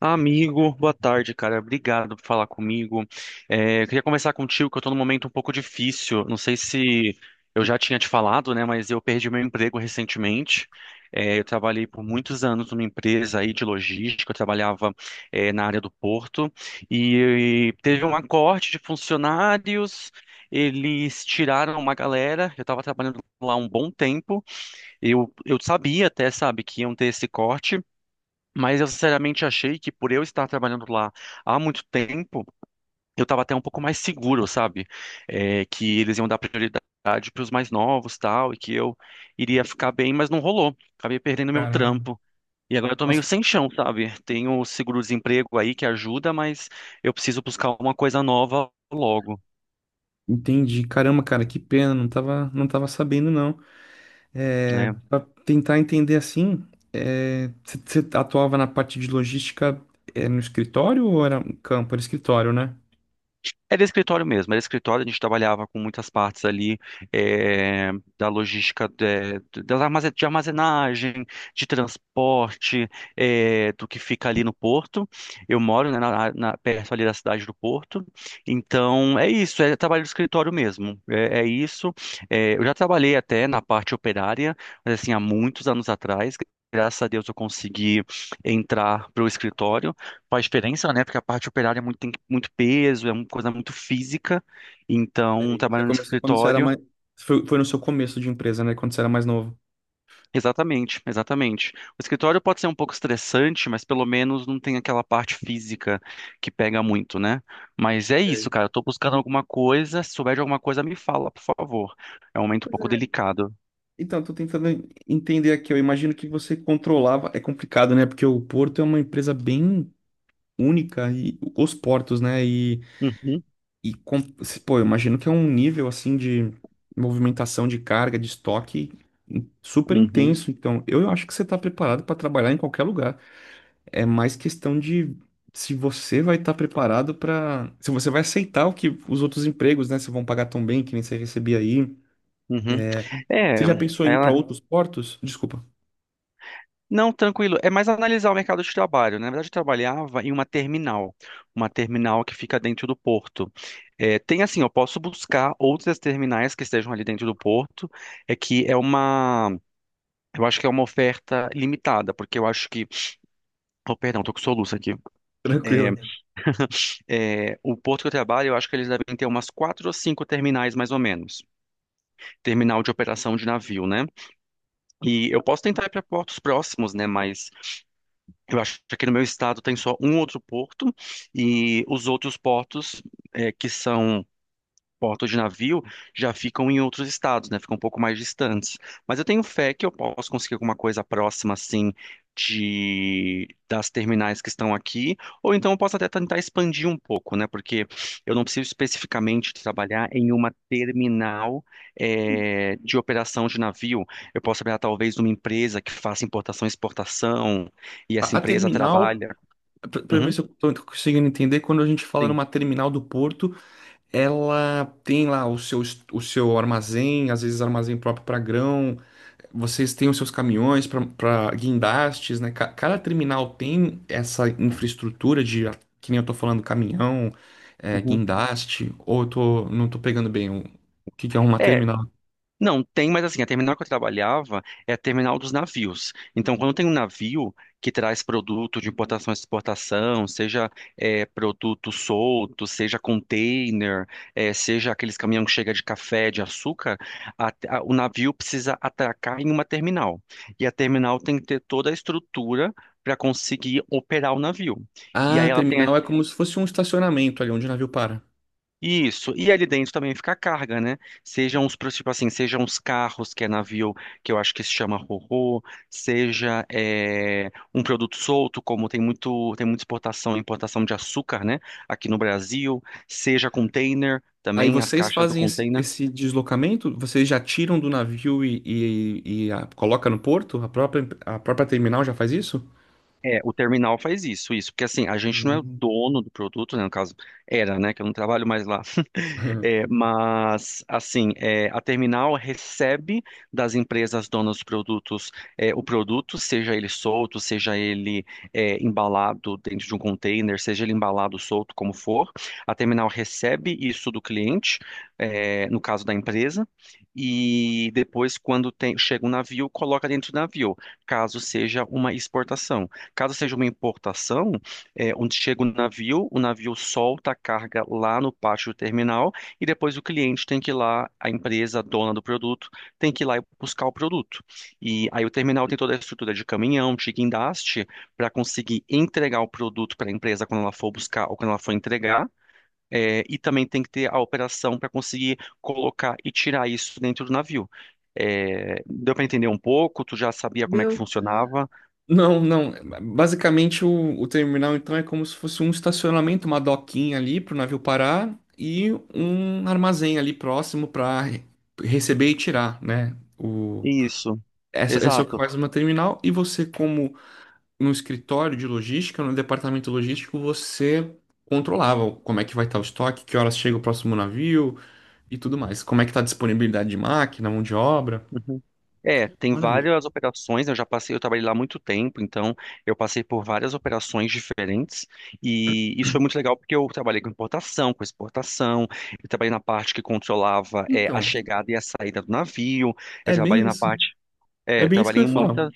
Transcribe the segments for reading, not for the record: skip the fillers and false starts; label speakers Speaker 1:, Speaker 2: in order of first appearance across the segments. Speaker 1: Amigo, boa tarde, cara. Obrigado por falar comigo. É, eu queria conversar contigo, que eu tô num momento um pouco difícil. Não sei se eu já tinha te falado, né? Mas eu perdi meu emprego recentemente. É, eu trabalhei por muitos anos numa empresa aí de logística, eu trabalhava, na área do porto, e, teve um acorte de funcionários. Eles tiraram uma galera, eu estava trabalhando lá um bom tempo, eu sabia até, sabe, que iam ter esse corte, mas eu sinceramente achei que por eu estar trabalhando lá há muito tempo, eu estava até um pouco mais seguro, sabe? É, que eles iam dar prioridade para os mais novos, tal, e que eu iria ficar bem, mas não rolou. Acabei perdendo meu
Speaker 2: Caramba.
Speaker 1: trampo. E agora eu tô meio
Speaker 2: Nossa,
Speaker 1: sem chão, sabe? Tenho o seguro-desemprego aí que ajuda, mas eu preciso buscar uma coisa nova logo,
Speaker 2: entendi. Caramba, cara, que pena, não tava, não tava sabendo, não. É,
Speaker 1: né?
Speaker 2: para tentar entender assim, você atuava na parte de logística, no escritório ou era no campo? Era escritório, né?
Speaker 1: Era escritório mesmo, era escritório, a gente trabalhava com muitas partes ali eh, da logística das de armazenagem, de transporte, do que fica ali no porto. Eu moro, né, perto ali da cidade do Porto, então é isso, é trabalho de escritório mesmo, é isso. Eu já trabalhei até na parte operária, mas assim, há muitos anos atrás. Graças a Deus eu consegui entrar para o escritório. Faz diferença, né? Porque a parte operária é muito, tem muito peso, é uma coisa muito física. Então,
Speaker 2: Sei. Você
Speaker 1: trabalhando no
Speaker 2: começou quando você era
Speaker 1: escritório.
Speaker 2: mais. Foi no seu começo de empresa, né? Quando você era mais novo.
Speaker 1: Exatamente, exatamente. O escritório pode ser um pouco estressante, mas pelo menos não tem aquela parte física que pega muito, né? Mas é isso,
Speaker 2: Sei.
Speaker 1: cara. Eu tô buscando alguma coisa. Se souber de alguma coisa, me fala, por favor. É um momento um
Speaker 2: Pois
Speaker 1: pouco
Speaker 2: é.
Speaker 1: delicado.
Speaker 2: Então, eu tô tentando entender aqui. Eu imagino que você controlava. É complicado, né? Porque o Porto é uma empresa bem única e os portos, né?
Speaker 1: Uhum,
Speaker 2: E, com- Pô, eu imagino que é um nível, assim, de movimentação de carga, de estoque super
Speaker 1: uhum,
Speaker 2: intenso. Então, eu acho que você está preparado para trabalhar em qualquer lugar. É mais questão de se você vai estar preparado para... Se você vai aceitar o que os outros empregos, né? Se vão pagar tão bem, que nem você recebia aí.
Speaker 1: uhum.
Speaker 2: É,
Speaker 1: É,
Speaker 2: você
Speaker 1: é,
Speaker 2: já pensou em ir para outros portos? Desculpa,
Speaker 1: não, tranquilo. É mais analisar o mercado de trabalho, né? Na verdade, eu trabalhava em uma terminal que fica dentro do porto. É, tem assim, eu posso buscar outras terminais que estejam ali dentro do porto. É que é uma, eu acho que é uma oferta limitada, porque eu acho que, oh, perdão, tô com soluço aqui.
Speaker 2: tranquilo.
Speaker 1: É, é, o porto que eu trabalho, eu acho que eles devem ter umas quatro ou cinco terminais mais ou menos, terminal de operação de navio, né? E eu posso tentar ir para portos próximos, né? Mas eu acho que aqui no meu estado tem só um outro porto e os outros portos que são portos de navio já ficam em outros estados, né? Ficam um pouco mais distantes. Mas eu tenho fé que eu posso conseguir alguma coisa próxima, assim, de das terminais que estão aqui, ou então eu posso até tentar expandir um pouco, né? Porque eu não preciso especificamente trabalhar em uma terminal de operação de navio. Eu posso trabalhar talvez numa empresa que faça importação e exportação, e
Speaker 2: A,
Speaker 1: essa
Speaker 2: a
Speaker 1: empresa
Speaker 2: terminal...
Speaker 1: trabalha.
Speaker 2: Para ver
Speaker 1: Uhum,
Speaker 2: se eu estou conseguindo entender, quando a gente fala
Speaker 1: sim.
Speaker 2: numa terminal do porto, ela tem lá o seu, o seu armazém, às vezes armazém próprio para grão. Vocês têm os seus caminhões para guindastes, né? Cada terminal tem essa infraestrutura de, que nem eu tô falando, caminhão,
Speaker 1: Uhum.
Speaker 2: guindaste, ou eu tô, não tô pegando bem o que que é uma
Speaker 1: É,
Speaker 2: terminal.
Speaker 1: não, tem, mas assim, a terminal que eu trabalhava é a terminal dos navios. Então, quando tem um navio que traz produto de importação e exportação, seja produto solto, seja container, seja aqueles caminhões que chegam de café, de açúcar, o navio precisa atracar em uma terminal. E a terminal tem que ter toda a estrutura para conseguir operar o navio. E
Speaker 2: Ah,
Speaker 1: aí ela tem
Speaker 2: terminal é como se fosse um estacionamento ali onde o navio para.
Speaker 1: isso, e ali dentro também fica a carga, né? Sejam os, tipo assim, sejam os carros, que é navio, que eu acho que se chama ro seja é, um produto solto, como tem muita exportação e importação de açúcar, né? Aqui no Brasil, seja container,
Speaker 2: Aí
Speaker 1: também as
Speaker 2: vocês
Speaker 1: caixas do
Speaker 2: fazem esse,
Speaker 1: container.
Speaker 2: esse deslocamento, vocês já tiram do navio e coloca no porto? A própria terminal já faz isso?
Speaker 1: É, o terminal faz isso, isso, porque assim, a gente não é o
Speaker 2: Hum.
Speaker 1: dono do produto, né, no caso, era, né, que eu não trabalho mais lá, É, mas, assim, a terminal recebe das empresas donas de produtos o produto, seja ele solto, seja ele embalado dentro de um container, seja ele embalado solto, como for, a terminal recebe isso do cliente, no caso da empresa, e depois, quando chega um navio, coloca dentro do navio, caso seja uma exportação. Caso seja uma importação, onde chega o navio solta a carga lá no pátio do terminal e depois o cliente tem que ir lá, a empresa, a dona do produto, tem que ir lá e buscar o produto. E aí o terminal tem toda a estrutura de caminhão, de guindaste, para conseguir entregar o produto para a empresa quando ela for buscar ou quando ela for entregar. E também tem que ter a operação para conseguir colocar e tirar isso dentro do navio. É, deu para entender um pouco? Tu já sabia como é que
Speaker 2: Meu.
Speaker 1: funcionava?
Speaker 2: Não, não. Basicamente, o terminal, então, é como se fosse um estacionamento, uma doquinha ali para o navio parar e um armazém ali próximo para receber e tirar, né? O,
Speaker 1: Isso,
Speaker 2: essa é só que
Speaker 1: exato.
Speaker 2: faz uma terminal e você, como no escritório de logística, no departamento logístico, você controlava como é que vai estar o estoque, que horas chega o próximo navio e tudo mais. Como é que está a disponibilidade de máquina, mão de obra.
Speaker 1: Uhum. É, tem
Speaker 2: Maravilha.
Speaker 1: várias operações, eu já passei, eu trabalhei lá há muito tempo, então eu passei por várias operações diferentes e isso foi muito legal porque eu trabalhei com importação, com exportação, eu trabalhei na parte que controlava a
Speaker 2: Então,
Speaker 1: chegada e a saída do navio, eu
Speaker 2: é bem
Speaker 1: trabalhei na
Speaker 2: isso.
Speaker 1: parte,
Speaker 2: É
Speaker 1: é,
Speaker 2: bem isso que
Speaker 1: trabalhei
Speaker 2: eu ia
Speaker 1: em
Speaker 2: falar.
Speaker 1: muitas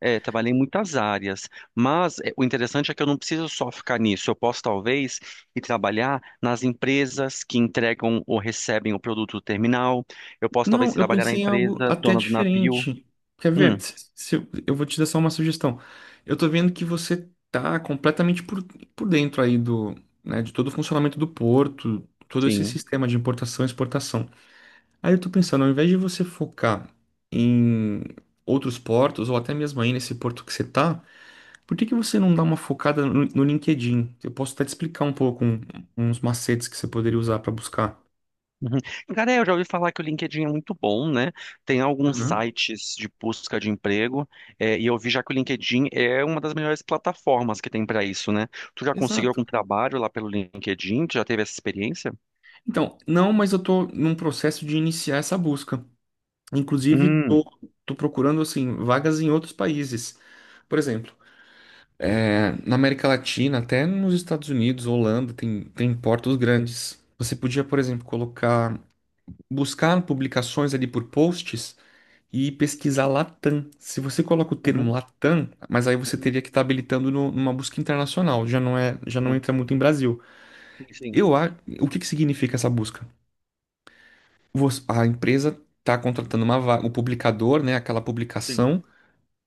Speaker 1: trabalhei em muitas áreas, mas o interessante é que eu não preciso só ficar nisso. Eu posso talvez ir trabalhar nas empresas que entregam ou recebem o produto do terminal. Eu posso talvez
Speaker 2: Não,
Speaker 1: ir
Speaker 2: eu
Speaker 1: trabalhar na
Speaker 2: pensei em algo
Speaker 1: empresa
Speaker 2: até
Speaker 1: dona do navio.
Speaker 2: diferente. Quer
Speaker 1: Hum,
Speaker 2: ver? Se eu vou te dar só uma sugestão. Eu tô vendo que você tá completamente por dentro aí do, né, de todo o funcionamento do porto, todo esse
Speaker 1: sim.
Speaker 2: sistema de importação e exportação. Aí eu tô pensando, ao invés de você focar em outros portos, ou até mesmo aí nesse porto que você tá, por que que você não dá uma focada no LinkedIn? Eu posso até te explicar um pouco uns macetes que você poderia usar para buscar.
Speaker 1: Uhum. Cara, eu já ouvi falar que o LinkedIn é muito bom, né? Tem alguns
Speaker 2: Uhum.
Speaker 1: sites de busca de emprego, e eu vi já que o LinkedIn é uma das melhores plataformas que tem para isso, né? Tu já conseguiu
Speaker 2: Exato.
Speaker 1: algum trabalho lá pelo LinkedIn? Tu já teve essa experiência?
Speaker 2: Então, não, mas eu tô num processo de iniciar essa busca. Inclusive,
Speaker 1: Hum.
Speaker 2: tô procurando, assim, vagas em outros países. Por exemplo, na América Latina, até nos Estados Unidos, Holanda, tem, tem portos grandes. Você podia, por exemplo, colocar, buscar publicações ali por posts e pesquisar Latam. Se você coloca o termo
Speaker 1: Uhum,
Speaker 2: Latam, mas aí você
Speaker 1: uhum.
Speaker 2: teria que estar habilitando numa busca internacional, já não é, já não entra muito em Brasil.
Speaker 1: Sim, sim,
Speaker 2: Eu, a- o que que significa essa busca? Você- a empresa está contratando uma vaga, o publicador, né, aquela
Speaker 1: sim.
Speaker 2: publicação,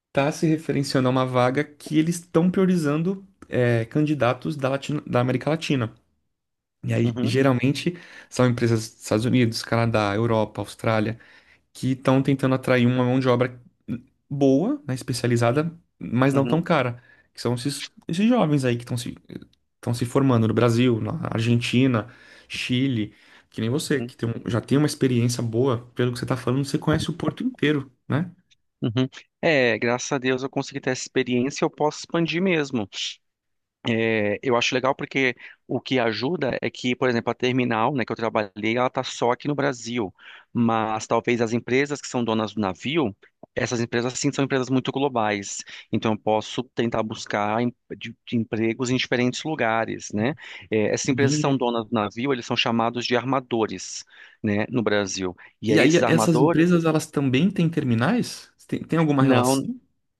Speaker 2: está se referenciando a uma vaga que eles estão priorizando candidatos da, da América Latina. E aí,
Speaker 1: Uhum,
Speaker 2: geralmente, são empresas dos Estados Unidos, Canadá, Europa, Austrália, que estão tentando atrair uma mão de obra boa, né, especializada, mas não tão
Speaker 1: uhum,
Speaker 2: cara, que são esses jovens aí que estão se formando no Brasil, na Argentina, Chile, que nem você,
Speaker 1: uhum,
Speaker 2: que tem já tem uma experiência boa, pelo que você está falando, você conhece o Porto inteiro, né?
Speaker 1: uhum. É, graças a Deus eu consegui ter essa experiência, eu posso expandir mesmo. É, eu acho legal porque o que ajuda é que, por exemplo, a terminal, né, que eu trabalhei, ela está só aqui no Brasil, mas talvez as empresas que são donas do navio, essas empresas sim são empresas muito globais, então eu posso tentar buscar de empregos em diferentes lugares, né? É, essas empresas que
Speaker 2: Entendi.
Speaker 1: são donas do navio, eles são chamados de armadores, né, no Brasil. E
Speaker 2: E
Speaker 1: aí,
Speaker 2: aí,
Speaker 1: esses
Speaker 2: essas
Speaker 1: armadores
Speaker 2: empresas, elas também têm terminais? Tem, tem alguma relação?
Speaker 1: Não,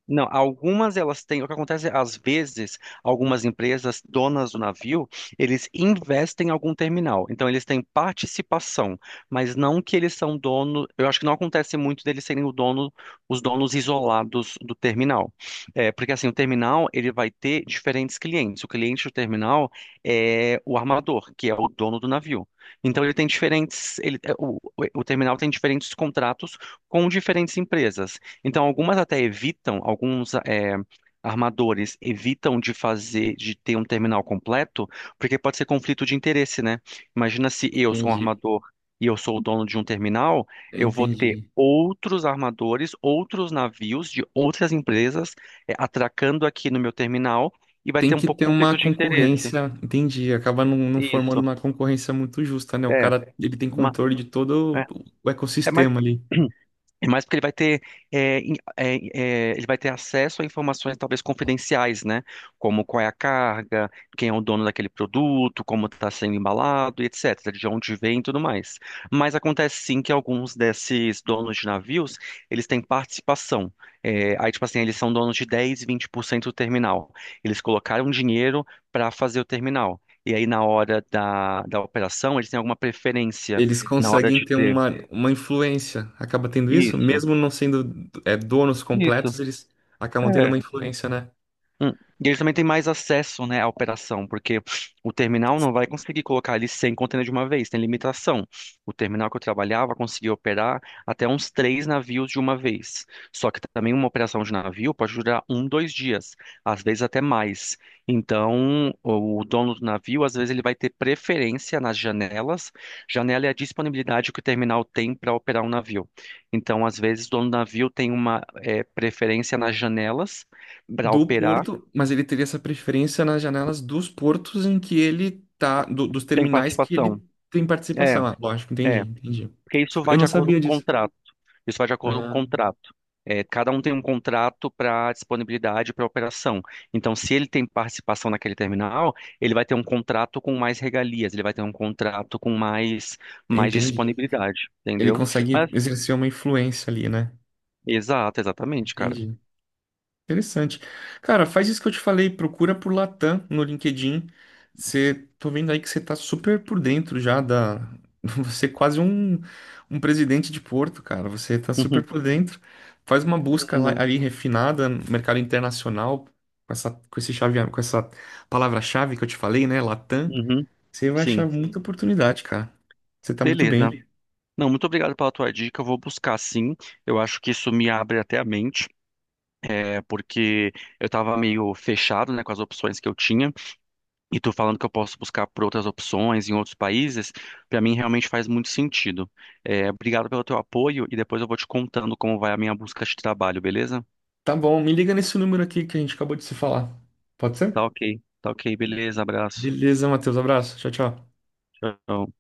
Speaker 1: não. Algumas elas têm. O que acontece é, às vezes, algumas empresas donas do navio, eles investem em algum terminal. Então, eles têm participação, mas não que eles são dono. Eu acho que não acontece muito deles serem o dono, os donos isolados do terminal. É, porque assim, o terminal ele vai ter diferentes clientes. O cliente do terminal é o armador, que é o dono do navio. Então, ele tem diferentes. Ele, o terminal tem diferentes contratos com diferentes empresas. Então, algumas até evitam, alguns armadores evitam de fazer, de ter um terminal completo, porque pode ser conflito de interesse, né? Imagina se eu sou um
Speaker 2: Entendi,
Speaker 1: armador e eu sou o dono de um terminal, eu vou ter
Speaker 2: entendi.
Speaker 1: outros armadores, outros navios de outras empresas atracando aqui no meu terminal e vai
Speaker 2: Tem
Speaker 1: ter um
Speaker 2: que
Speaker 1: pouco
Speaker 2: ter uma
Speaker 1: conflito de interesse.
Speaker 2: concorrência, entendi. Acaba não, não formando
Speaker 1: Isso.
Speaker 2: uma concorrência muito justa, né? O
Speaker 1: É,
Speaker 2: cara, ele tem
Speaker 1: ma-
Speaker 2: controle de todo
Speaker 1: é,
Speaker 2: o
Speaker 1: é mais.
Speaker 2: ecossistema ali.
Speaker 1: É mais porque ele vai ter, é, in- é, acesso a informações talvez confidenciais, né? Como qual é a carga, quem é o dono daquele produto, como está sendo embalado, e etc., de onde vem e tudo mais. Mas acontece sim que alguns desses donos de navios, eles têm participação. É, aí, tipo assim, eles são donos de 10, 20% do terminal. Eles colocaram dinheiro para fazer o terminal. E aí, na hora da operação, eles têm alguma preferência
Speaker 2: Eles
Speaker 1: na hora
Speaker 2: conseguem
Speaker 1: de
Speaker 2: ter
Speaker 1: ter.
Speaker 2: uma influência, acaba tendo isso,
Speaker 1: Isso,
Speaker 2: mesmo não sendo donos
Speaker 1: isso.
Speaker 2: completos, eles acabam tendo
Speaker 1: É.
Speaker 2: uma influência, né?
Speaker 1: Hum. E eles também têm mais acesso, né, à operação, porque o terminal não vai conseguir colocar ali 100 contêineres de uma vez, tem limitação. O terminal que eu trabalhava conseguia operar até uns três navios de uma vez. Só que também uma operação de navio pode durar um, dois dias, às vezes até mais. Então, o dono do navio, às vezes, ele vai ter preferência nas janelas. Janela é a disponibilidade que o terminal tem para operar um navio. Então, às vezes, o dono do navio tem uma, preferência nas janelas para
Speaker 2: Do
Speaker 1: operar
Speaker 2: porto, mas ele teria essa preferência nas janelas dos portos em que ele tá, dos
Speaker 1: Tem
Speaker 2: terminais que
Speaker 1: participação.
Speaker 2: ele tem
Speaker 1: É,
Speaker 2: participação. Ah, lógico, entendi,
Speaker 1: é.
Speaker 2: entendi.
Speaker 1: Porque isso vai
Speaker 2: Eu
Speaker 1: de
Speaker 2: não
Speaker 1: acordo com
Speaker 2: sabia
Speaker 1: o
Speaker 2: disso.
Speaker 1: contrato. Isso vai de acordo com o
Speaker 2: Ah,
Speaker 1: contrato. É, cada um tem um contrato para disponibilidade para operação. Então, se ele tem participação naquele terminal, ele vai ter um contrato com mais regalias, ele vai ter um contrato com mais, mais
Speaker 2: entendi.
Speaker 1: disponibilidade,
Speaker 2: Ele
Speaker 1: entendeu?
Speaker 2: consegue
Speaker 1: Mas,
Speaker 2: exercer uma influência ali, né?
Speaker 1: exato, exatamente, cara.
Speaker 2: Entendi. Interessante. Cara, faz isso que eu te falei, procura por Latam no LinkedIn. Você, tô vendo aí que você tá super por dentro já da. Você é quase um, um presidente de Porto, cara. Você tá super
Speaker 1: Uhum.
Speaker 2: por dentro. Faz uma busca
Speaker 1: Não.
Speaker 2: ali refinada no mercado internacional, com essa, com esse chave, com essa palavra-chave que eu te falei, né? Latam.
Speaker 1: Uhum.
Speaker 2: Você vai achar
Speaker 1: Sim.
Speaker 2: muita oportunidade, cara. Você tá muito
Speaker 1: Beleza.
Speaker 2: bem.
Speaker 1: Não, muito obrigado pela tua dica. Eu vou buscar sim. Eu acho que isso me abre até a mente. É porque eu tava meio fechado, né, com as opções que eu tinha, e tu falando que eu posso buscar por outras opções em outros países, pra mim realmente faz muito sentido. É, obrigado pelo teu apoio e depois eu vou te contando como vai a minha busca de trabalho, beleza?
Speaker 2: Tá bom, me liga nesse número aqui que a gente acabou de se falar. Pode ser?
Speaker 1: Tá ok, tá ok, beleza, abraço.
Speaker 2: Beleza, Matheus. Abraço. Tchau, tchau.
Speaker 1: Tchau.